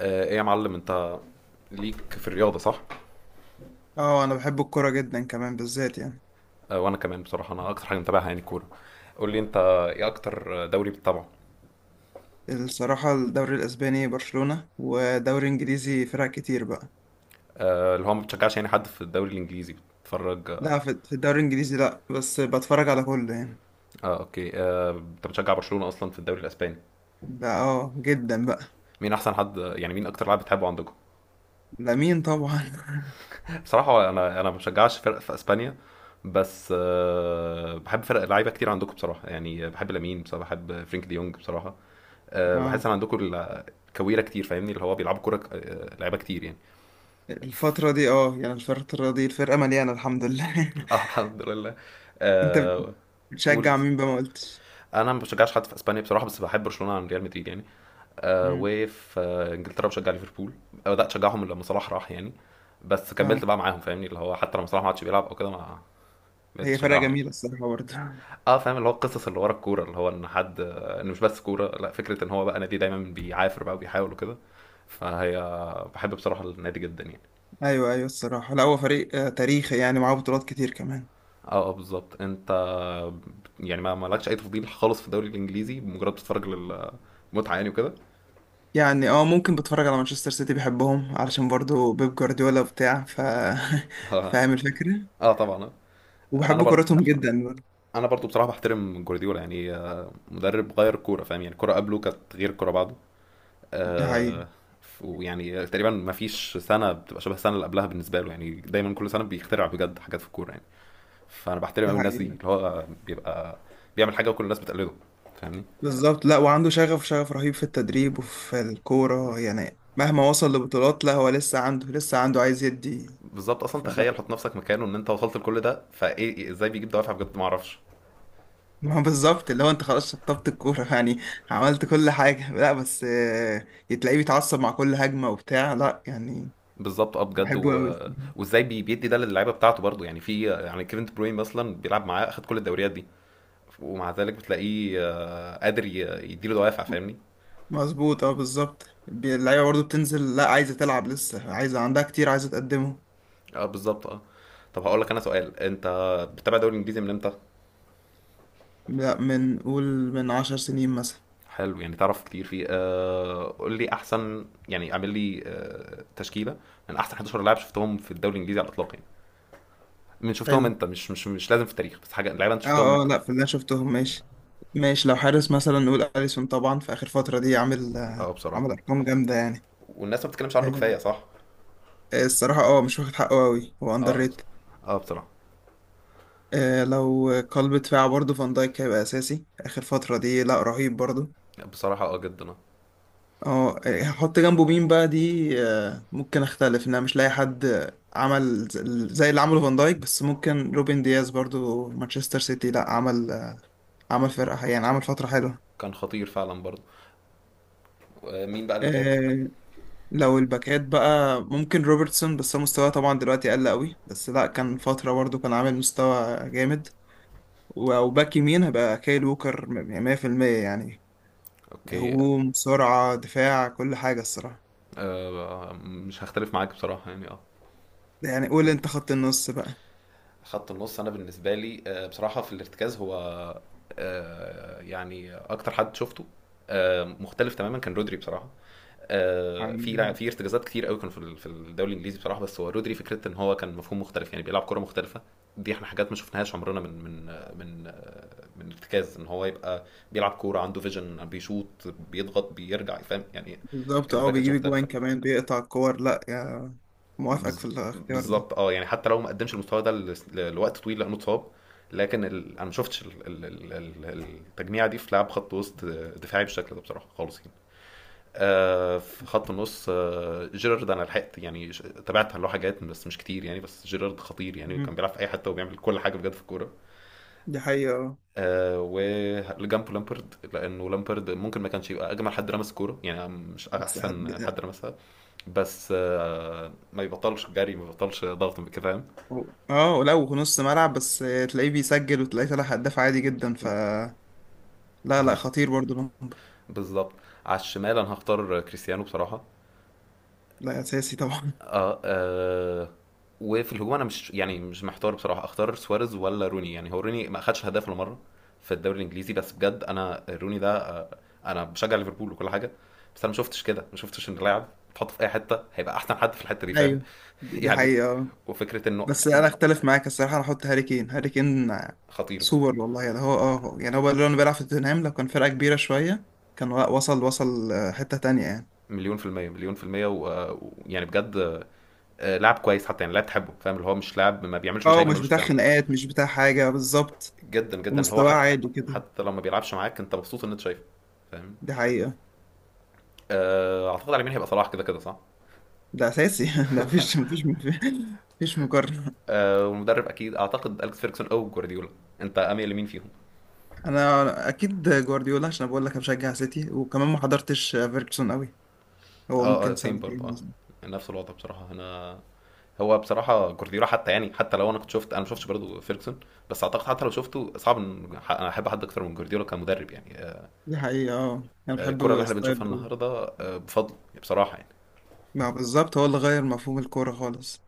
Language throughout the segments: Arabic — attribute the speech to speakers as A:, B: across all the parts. A: ايه يا معلم انت ليك في الرياضة صح؟
B: اه، انا بحب الكوره جدا كمان بالذات يعني.
A: وانا كمان بصراحة انا اكتر حاجة متابعها يعني الكورة. قول لي انت ايه اكتر دوري بتتابعه؟
B: الصراحه الدوري الاسباني برشلونه ودوري انجليزي فرق كتير بقى.
A: اللي هو ما بتشجعش يعني حد في الدوري الانجليزي بتتفرج اه؟
B: لا، في الدوري الانجليزي لا بس بتفرج على كله يعني.
A: اوكي، انت بتشجع برشلونة اصلا في الدوري الاسباني.
B: ده جدا بقى.
A: مين احسن حد يعني مين اكتر لاعب بتحبه عندكم؟
B: لامين طبعا.
A: بصراحة انا ما بشجعش فرق في اسبانيا، بس بحب فرق لعيبة كتير عندكم بصراحة، يعني بحب لامين بصراحة، بحب فرينك دي يونج بصراحة. بحس
B: اه،
A: ان عندكم كويرة كتير، فاهمني اللي هو بيلعبوا كورة لعيبة كتير يعني.
B: الفتره دي الفرقه مليانه الحمد لله.
A: الحمد لله.
B: انت
A: آه، قول،
B: بتشجع مين بقى؟ ما قلتش.
A: انا ما بشجعش حد في اسبانيا بصراحه، بس بحب برشلونه عن ريال مدريد يعني.
B: مم.
A: وفي انجلترا بشجع ليفربول. بدات اشجعهم لما صلاح راح يعني، بس
B: اه،
A: كملت بقى معاهم، فاهمني اللي هو حتى لما صلاح ما عادش بيلعب او كده ما بقيت
B: هي فرقه
A: بشجعهم يعني.
B: جميله الصراحه برضه.
A: اه فاهم اللي هو القصص اللي ورا الكوره، اللي هو ان حد ان مش بس كوره، لا فكره ان هو بقى نادي دايما بيعافر بقى وبيحاول وكده. فهي بحب بصراحه النادي جدا يعني.
B: ايوه، ايوه، الصراحه لا، هو فريق تاريخي يعني، معاه بطولات كتير كمان.
A: اه اه بالظبط. انت يعني ما مالكش اي تفضيل خالص في الدوري الانجليزي، بمجرد بتتفرج للمتعه يعني وكده.
B: يعني اه، ممكن بتفرج على مانشستر سيتي، بحبهم علشان برضو بيب جوارديولا بتاع فاهم الفكرة.
A: اه طبعا. انا
B: وبحب
A: برضو
B: كورتهم
A: بصراحه
B: جدا برضو.
A: انا برضو بصراحه بحترم جوارديولا يعني، مدرب غير كوره، فاهم يعني الكوره قبله كانت غير الكوره بعده.
B: دي حقيقة.
A: آه، ويعني تقريبا ما فيش سنه بتبقى شبه السنه اللي قبلها بالنسبه له، يعني دايما كل سنه بيخترع بجد حاجات في الكوره يعني. فانا بحترم
B: دي
A: قوي الناس دي
B: حقيقة.
A: اللي هو بيبقى بيعمل حاجه وكل الناس بتقلده، فاهمني.
B: بالظبط، لا وعنده شغف، شغف رهيب في التدريب وفي الكورة يعني. مهما وصل لبطولات لا، هو لسه عنده، عايز يدي.
A: بالظبط، اصلا
B: فلا
A: تخيل حط نفسك مكانه ان انت وصلت لكل ده، فايه ازاي بيجيب دوافع بجد ما اعرفش.
B: ما هو بالظبط، اللي هو انت خلاص شطبت الكورة يعني، عملت كل حاجة. لا بس تلاقيه بيتعصب مع كل هجمة وبتاع لا يعني.
A: بالظبط اه بجد
B: بحبه قوي.
A: وازاي بيدي ده للعيبه بتاعته برضه، يعني في يعني كيفن دي بروين مثلا بيلعب معاه اخد كل الدوريات دي، ومع ذلك بتلاقيه قادر يديله دوافع فاهمني.
B: مظبوط، اه بالظبط اللعيبه برضه بتنزل لا، عايزه تلعب، لسه عايزه عندها كتير، عايزه تقدمه.
A: اه بالظبط اه. طب هقول لك انا سؤال. انت بتتابع الدوري الانجليزي من امتى؟
B: لا، من، قول، من عشر سنين مثلا.
A: حلو، يعني تعرف كتير فيه. قول لي احسن، يعني اعمل لي تشكيله من احسن 11 لاعب شفتهم في الدوري الانجليزي على الاطلاق يعني. من شفتهم
B: حلو.
A: انت، مش لازم في التاريخ، بس حاجه لعيبه انت
B: اه
A: شفتهم
B: اه
A: انت.
B: لا، في اللي انا شفتهم. ماشي، ماشي، لو حارس مثلا نقول اليسون طبعا، في اخر فتره دي عامل،
A: اه بصراحه،
B: ارقام جامده يعني.
A: والناس ما بتتكلمش عنه كفايه
B: آه،
A: صح.
B: الصراحه مش واخد حقه قوي، هو اندر
A: اه
B: ريت.
A: اه بصراحه.
B: آه، لو قلب دفاع برضه فان دايك هيبقى اساسي. اخر فتره دي لا، رهيب برضه.
A: بصراحة جدا.
B: اه، هحط جنبه مين بقى؟ دي ممكن اختلف ان انا مش لاقي حد عمل ز- زي اللي عمله فان دايك. بس ممكن روبن دياز برضو، مانشستر سيتي لا عمل، عمل فرقة يعني، عمل فترة حلوة.
A: كان خطير فعلا برضه. مين بقى الباكات؟
B: آه، لو الباكات بقى، ممكن روبرتسون، بس هو مستواه طبعا دلوقتي قل قوي. بس لا، كان فترة برضو كان عامل مستوى جامد. وباك يمين هيبقى كايل ووكر 100% يعني،
A: اوكي.
B: هجوم، سرعة، دفاع، كل حاجة الصراحة.
A: مش هختلف معاك بصراحة يعني اه.
B: يعني قول انت خط النص
A: خط النص انا بالنسبة لي بصراحة، في الارتكاز هو يعني اكتر حد شفته مختلف تماما كان رودري بصراحة. في
B: بقى.
A: في ارتكازات كتير قوي كانوا في في الدوري الانجليزي بصراحه، بس هو رودري، فكره ان هو كان مفهوم مختلف يعني، بيلعب كره مختلفه. دي احنا حاجات ما شفناهاش عمرنا، من من ارتكاز ان هو يبقى بيلعب كوره عنده فيجن، بيشوط، بيضغط، باكج فاهم يعني.
B: بالظبط،
A: كان
B: اه
A: باكج
B: بيجيب
A: مختلف.
B: اجوان كمان، بيقطع الكور، لا يا. موافقك في
A: بز-
B: الاختيار ده.
A: بالظبط اه. يعني حتى لو ما قدمش المستوى ده لوقت طويل لانه اتصاب، لكن انا ما شفتش التجميعه دي في لعب خط وسط دفاعي بالشكل ده بصراحه خالص يعني. في خط النص جيرارد انا لحقت يعني، تابعت له حاجات بس مش كتير يعني، بس جيرارد خطير يعني،
B: مم.
A: كان بيلعب في اي حته وبيعمل كل حاجه بجد في الكوره.
B: دي حقيقة اه.
A: وجنبه لامبرد، لانه لامبرد ممكن ما كانش يبقى اجمل حد رمس كوره يعني، مش
B: بس حد
A: احسن حد رمسها، بس ما يبطلش جري، ما يبطلش ضغط كده فاهم.
B: اه، لو نص ملعب بس تلاقيه بيسجل، وتلاقيه طالع هداف عادي جدا ف. لا لا،
A: بز-
B: خطير برضو نمبر.
A: بالظبط. على الشمال انا هختار كريستيانو بصراحه.
B: لا، اساسي طبعا.
A: اه وفي الهجوم انا مش يعني مش محتار بصراحه، اختار سواريز ولا روني؟ يعني هو روني ما خدش هداف ولا مره في الدوري الانجليزي، بس بجد انا روني ده. انا بشجع ليفربول وكل حاجه، بس انا ما شفتش كده، ما شفتش ان لاعب تحطه في اي حته هيبقى احسن حد في الحته دي فاهم.
B: ايوه. دي
A: يعني،
B: حقيقة اه.
A: وفكره انه
B: بس انا اختلف معاك الصراحة، انا احط هاري كين. هاري كين
A: خطير برضه.
B: سوبر والله يعني. هو اه، يعني هو بقى، لو بيلعب في توتنهام، لو كان فرقة كبيرة شوية كان وصل، حتة تانية يعني.
A: مليون في المية مليون في المية ويعني بجد، لاعب كويس، حتى يعني لاعب تحبه فاهم اللي هو مش لاعب، ما بيعملش
B: اه
A: مشاكل،
B: مش
A: ملوش
B: بتاع
A: بتاع.
B: خناقات، مش بتاع حاجة بالظبط.
A: جدا جدا اللي هو
B: ومستواه
A: حتى،
B: عالي كده.
A: حتى لما بيلعبش معاك انت مبسوط ان انت شايفه فاهم.
B: دي حقيقة.
A: اعتقد على اليمين هيبقى صلاح، كده كده صح.
B: ده أساسي. ده مفيش مقارنة.
A: والمدرب اكيد اعتقد اليكس فيركسون او جوارديولا. انت اميل لمين فيهم؟
B: أنا أكيد جوارديولا، عشان بقول لك بشجع سيتي، وكمان ما حضرتش فيرجسون أوي، هو
A: اه اه
B: ممكن
A: سيم برضه
B: سنتين
A: اه.
B: مثلا.
A: نفس الوضع بصراحه انا. هو بصراحه جوارديولا، حتى يعني حتى لو انا كنت شفت، انا ما شفتش برضه فيركسون، بس اعتقد حتى لو شفته صعب ان أنا احب حد اكتر من جوارديولا كمدرب يعني.
B: دي حقيقة أه. أنا
A: الكره اللي
B: بحب
A: احنا بنشوفها
B: ستايل أوي.
A: النهارده بفضله بصراحه يعني.
B: ما بالظبط، هو اللي غير مفهوم الكورة خالص.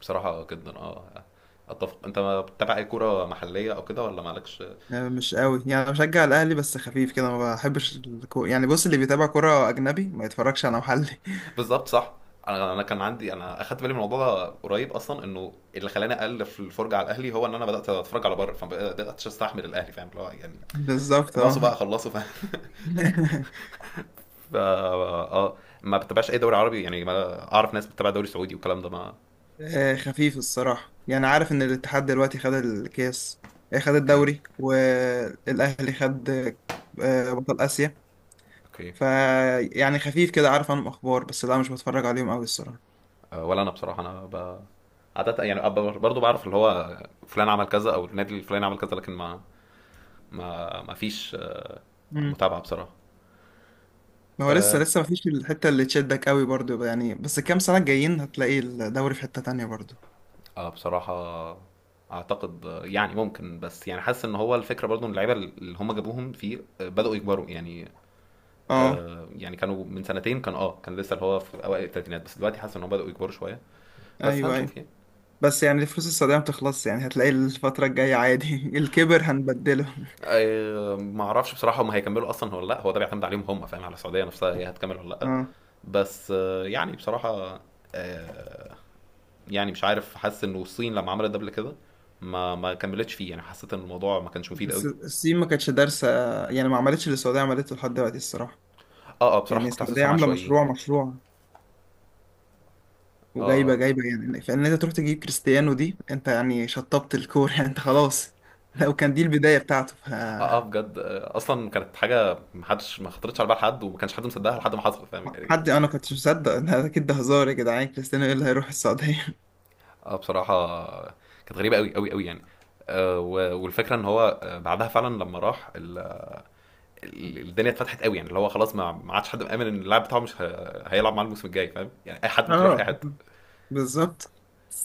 A: بصراحه جدا. اتفق. انت ما بتتابع اي كوره محليه او كده، ولا مالكش؟
B: يعني مش قوي، يعني أنا بشجع الأهلي بس خفيف كده، ما بحبش الكورة. يعني بص، اللي بيتابع كورة أجنبي ما يتفرجش على محلي.
A: بالظبط صح. انا كان عندي، انا اخدت بالي من الموضوع ده قريب، اصلا انه اللي خلاني اقل في الفرجه على الاهلي هو ان انا بدات اتفرج على بره، فبدات استحمل الاهلي فاهم اللي هو يعني،
B: بالظبط
A: باصوا
B: أه.
A: بقى خلصوا فاهم. اه. ما بتابعش اي دوري عربي يعني، ما اعرف ناس بتتابع دوري سعودي والكلام ده ما.
B: خفيف الصراحة. يعني عارف إن الاتحاد دلوقتي خد الكاس، خد
A: اوكي
B: الدوري، والأهلي خد بطل آسيا.
A: اوكي.
B: فيعني خفيف كده، عارف عنهم أخبار بس لا، مش بتفرج عليهم أوي الصراحة.
A: ولا انا بصراحه انا. عادة يعني برضو بعرف اللي هو فلان عمل كذا او النادي الفلاني عمل كذا، لكن ما، ما فيش
B: مم.
A: متابعه بصراحه.
B: ما هو لسه، لسه مفيش الحتة اللي تشدك أوي برضو يعني. بس الكام سنة الجايين هتلاقي الدوري في حتة تانية برضو.
A: اه بصراحة، اعتقد يعني ممكن، بس يعني حاسس ان هو الفكرة برضو ان اللعيبة اللي هم جابوهم فيه بدأوا يكبروا يعني.
B: اه.
A: يعني كانوا من سنتين كان لسه اللي هو في اوائل الثلاثينات، بس دلوقتي حاسس ان هم بدأوا يكبروا شوية، بس
B: أيوه، أيوه،
A: هنشوف يعني.
B: بس يعني الفلوس السعودية متخلصش يعني، هتلاقي الفترة الجاية عادي. الكبر هنبدله.
A: ما اعرفش بصراحة هم هيكملوا اصلا ولا لا، هو ده بيعتمد عليهم هم فاهم، على السعودية نفسها هي هتكمل ولا لا.
B: اه.
A: بس يعني بصراحة آه، يعني مش عارف، حاسس انه الصين لما عملت ده قبل كده ما كملتش فيه يعني، حسيت ان الموضوع ما كانش مفيد
B: بس
A: قوي.
B: الصين ما كانتش دارسة، يعني ما عملتش اللي السعودية عملته لحد دلوقتي الصراحة.
A: اه اه بصراحة
B: يعني
A: كنت
B: السعودية
A: حاسسهم
B: عاملة
A: عشوائيين.
B: مشروع، مشروع،
A: اه آه،
B: وجايبة،
A: آه.
B: جايبة. يعني فإن أنت تروح تجيب كريستيانو، دي أنت يعني شطبت الكورة. يعني أنت خلاص، لو كان دي البداية بتاعته ف.
A: اه بجد اصلا كانت حاجه محدش ما خطرتش على بال حد وما كانش حد مصدقها لحد ما حصل فاهم يعني.
B: حد أنا كنتش مصدق ده، أكيد ده هزار يا جدعان، كريستيانو إيه اللي هيروح السعودية؟
A: اه بصراحه، كانت غريبه قوي قوي قوي يعني. والفكره ان هو بعدها فعلا لما راح الدنيا اتفتحت قوي يعني، اللي هو خلاص ما عادش حد مأمن ان اللاعب بتاعه مش هيلعب معاه الموسم الجاي فاهم يعني، اي حد ممكن يروح اي
B: آه،
A: حد.
B: بالظبط.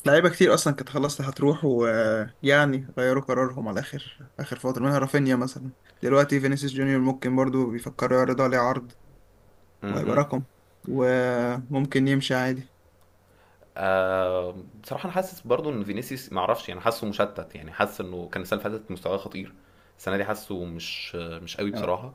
B: لعيبة كتير أصلا كانت خلاص هتروح، ويعني غيروا قرارهم على آخر، آخر فترة منها رافينيا مثلا. دلوقتي فينيسيوس جونيور ممكن برضو بيفكروا يعرضوا عليه عرض، وهيبقى
A: مهم.
B: رقم. وممكن يمشي عادي.
A: آه بصراحه انا حاسس برضو ان فينيسيوس، ما اعرفش يعني، حاسه مشتت، يعني حاسس انه كان السنه اللي فاتت مستواه خطير، السنه دي حاسه مش قوي
B: انا
A: بصراحه.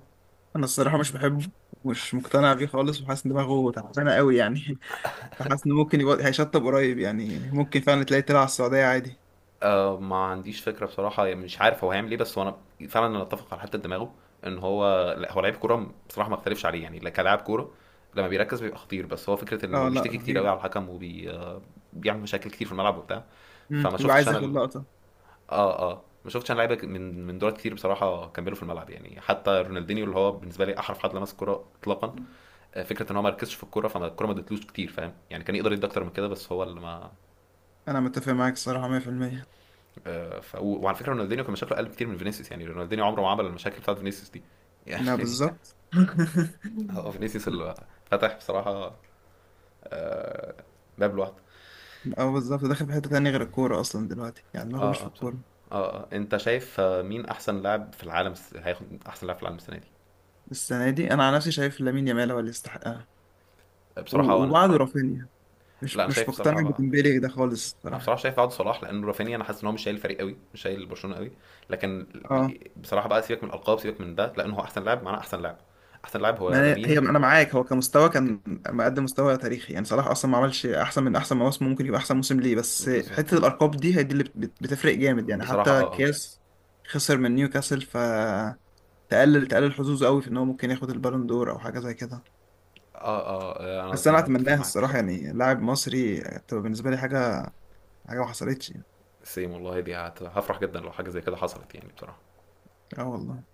B: أنا الصراحه مش بحبه، ومش مقتنع بيه خالص، وحاسس ان دماغه تعبانه قوي يعني. فحاسس انه ممكن يبقى هيشطب قريب. يعني ممكن فعلا تلاقيه طلع على السعوديه عادي.
A: ما عنديش فكرة بصراحة يعني، مش عارف هو هيعمل ايه، بس هو انا فعلا انا اتفق على حتة دماغه، ان هو لا هو لعيب كورة بصراحة ما اختلفش عليه يعني، لا كلاعب كورة لما بيركز بيبقى خطير، بس هو فكرة انه
B: اه، لا
A: بيشتكي كتير قوي على
B: رهيب.
A: الحكم، وبيعمل وبي آه، بيعمل مشاكل كتير في الملعب وبتاع. فما
B: بيبقى
A: شفتش
B: عايز
A: انا
B: ياخد
A: ال...
B: لقطه.
A: اه اه ما شفتش انا لعيبة من دول كتير بصراحة كملوا في الملعب يعني، حتى رونالدينيو اللي هو بالنسبة لي احرف حد لمس الكورة اطلاقا، فكرة ان هو ما ركزش في الكورة، فما الكورة ما ادتلوش كتير فاهم يعني، كان يقدر يدي اكتر من كده، بس هو اللي ما.
B: انا متفق معاك الصراحه 100%.
A: وعلى فكره رونالدينيو كان مشاكله اقل بكتير من فينيسيوس يعني، رونالدينيو عمره ما عمل المشاكل بتاعت فينيسيوس دي.
B: لا
A: يعني،
B: بالظبط.
A: هو فينيسيوس اللي فتح بصراحه باب لوحده.
B: اه، بالظبط، داخل في حته تانية غير الكوره اصلا دلوقتي، يعني دماغه مش
A: اه
B: في
A: اه بصراحه.
B: الكوره.
A: اه اه انت شايف مين احسن لاعب في العالم هياخد احسن لاعب في العالم السنه دي؟
B: السنه دي انا على نفسي شايف لامين يامال هو اللي يستحقها،
A: بصراحه وانا،
B: وبعده رافينيا.
A: لا
B: مش
A: انا شايف
B: مش
A: بصراحه
B: مقتنع
A: بقى،
B: بتمبيلي ده خالص
A: انا
B: الصراحه.
A: بصراحه شايف بعد صلاح، لان رافينيا انا حاسس ان هو مش شايل الفريق قوي، مش شايل برشلونه قوي، لكن
B: اه،
A: بصراحه بقى سيبك من الالقاب، سيبك من ده، لان هو احسن لاعب معناه احسن لاعب، احسن لاعب هو
B: ما
A: لامين.
B: انا معاك، هو كمستوى كان
A: جدا
B: مقدم مستوى تاريخي يعني. صلاح اصلا ما عملش احسن من احسن مواسم، ممكن يبقى احسن موسم ليه، بس
A: بالظبط
B: حته الارقام دي هي دي اللي بتفرق جامد يعني.
A: بصراحه
B: حتى
A: اه اه.
B: كاس خسر من نيوكاسل، فتقلل، حظوظه قوي في ان هو ممكن ياخد البالون دور او حاجه زي كده.
A: اه اه انا
B: بس انا
A: متفق
B: اتمناها
A: معاك
B: الصراحه
A: بصراحه.
B: يعني، لاعب مصري تبقى بالنسبه لي حاجه ما حصلتش يعني.
A: سيم والله، دي هفرح جدا لو حاجه زي كده حصلت يعني بصراحه
B: اه والله.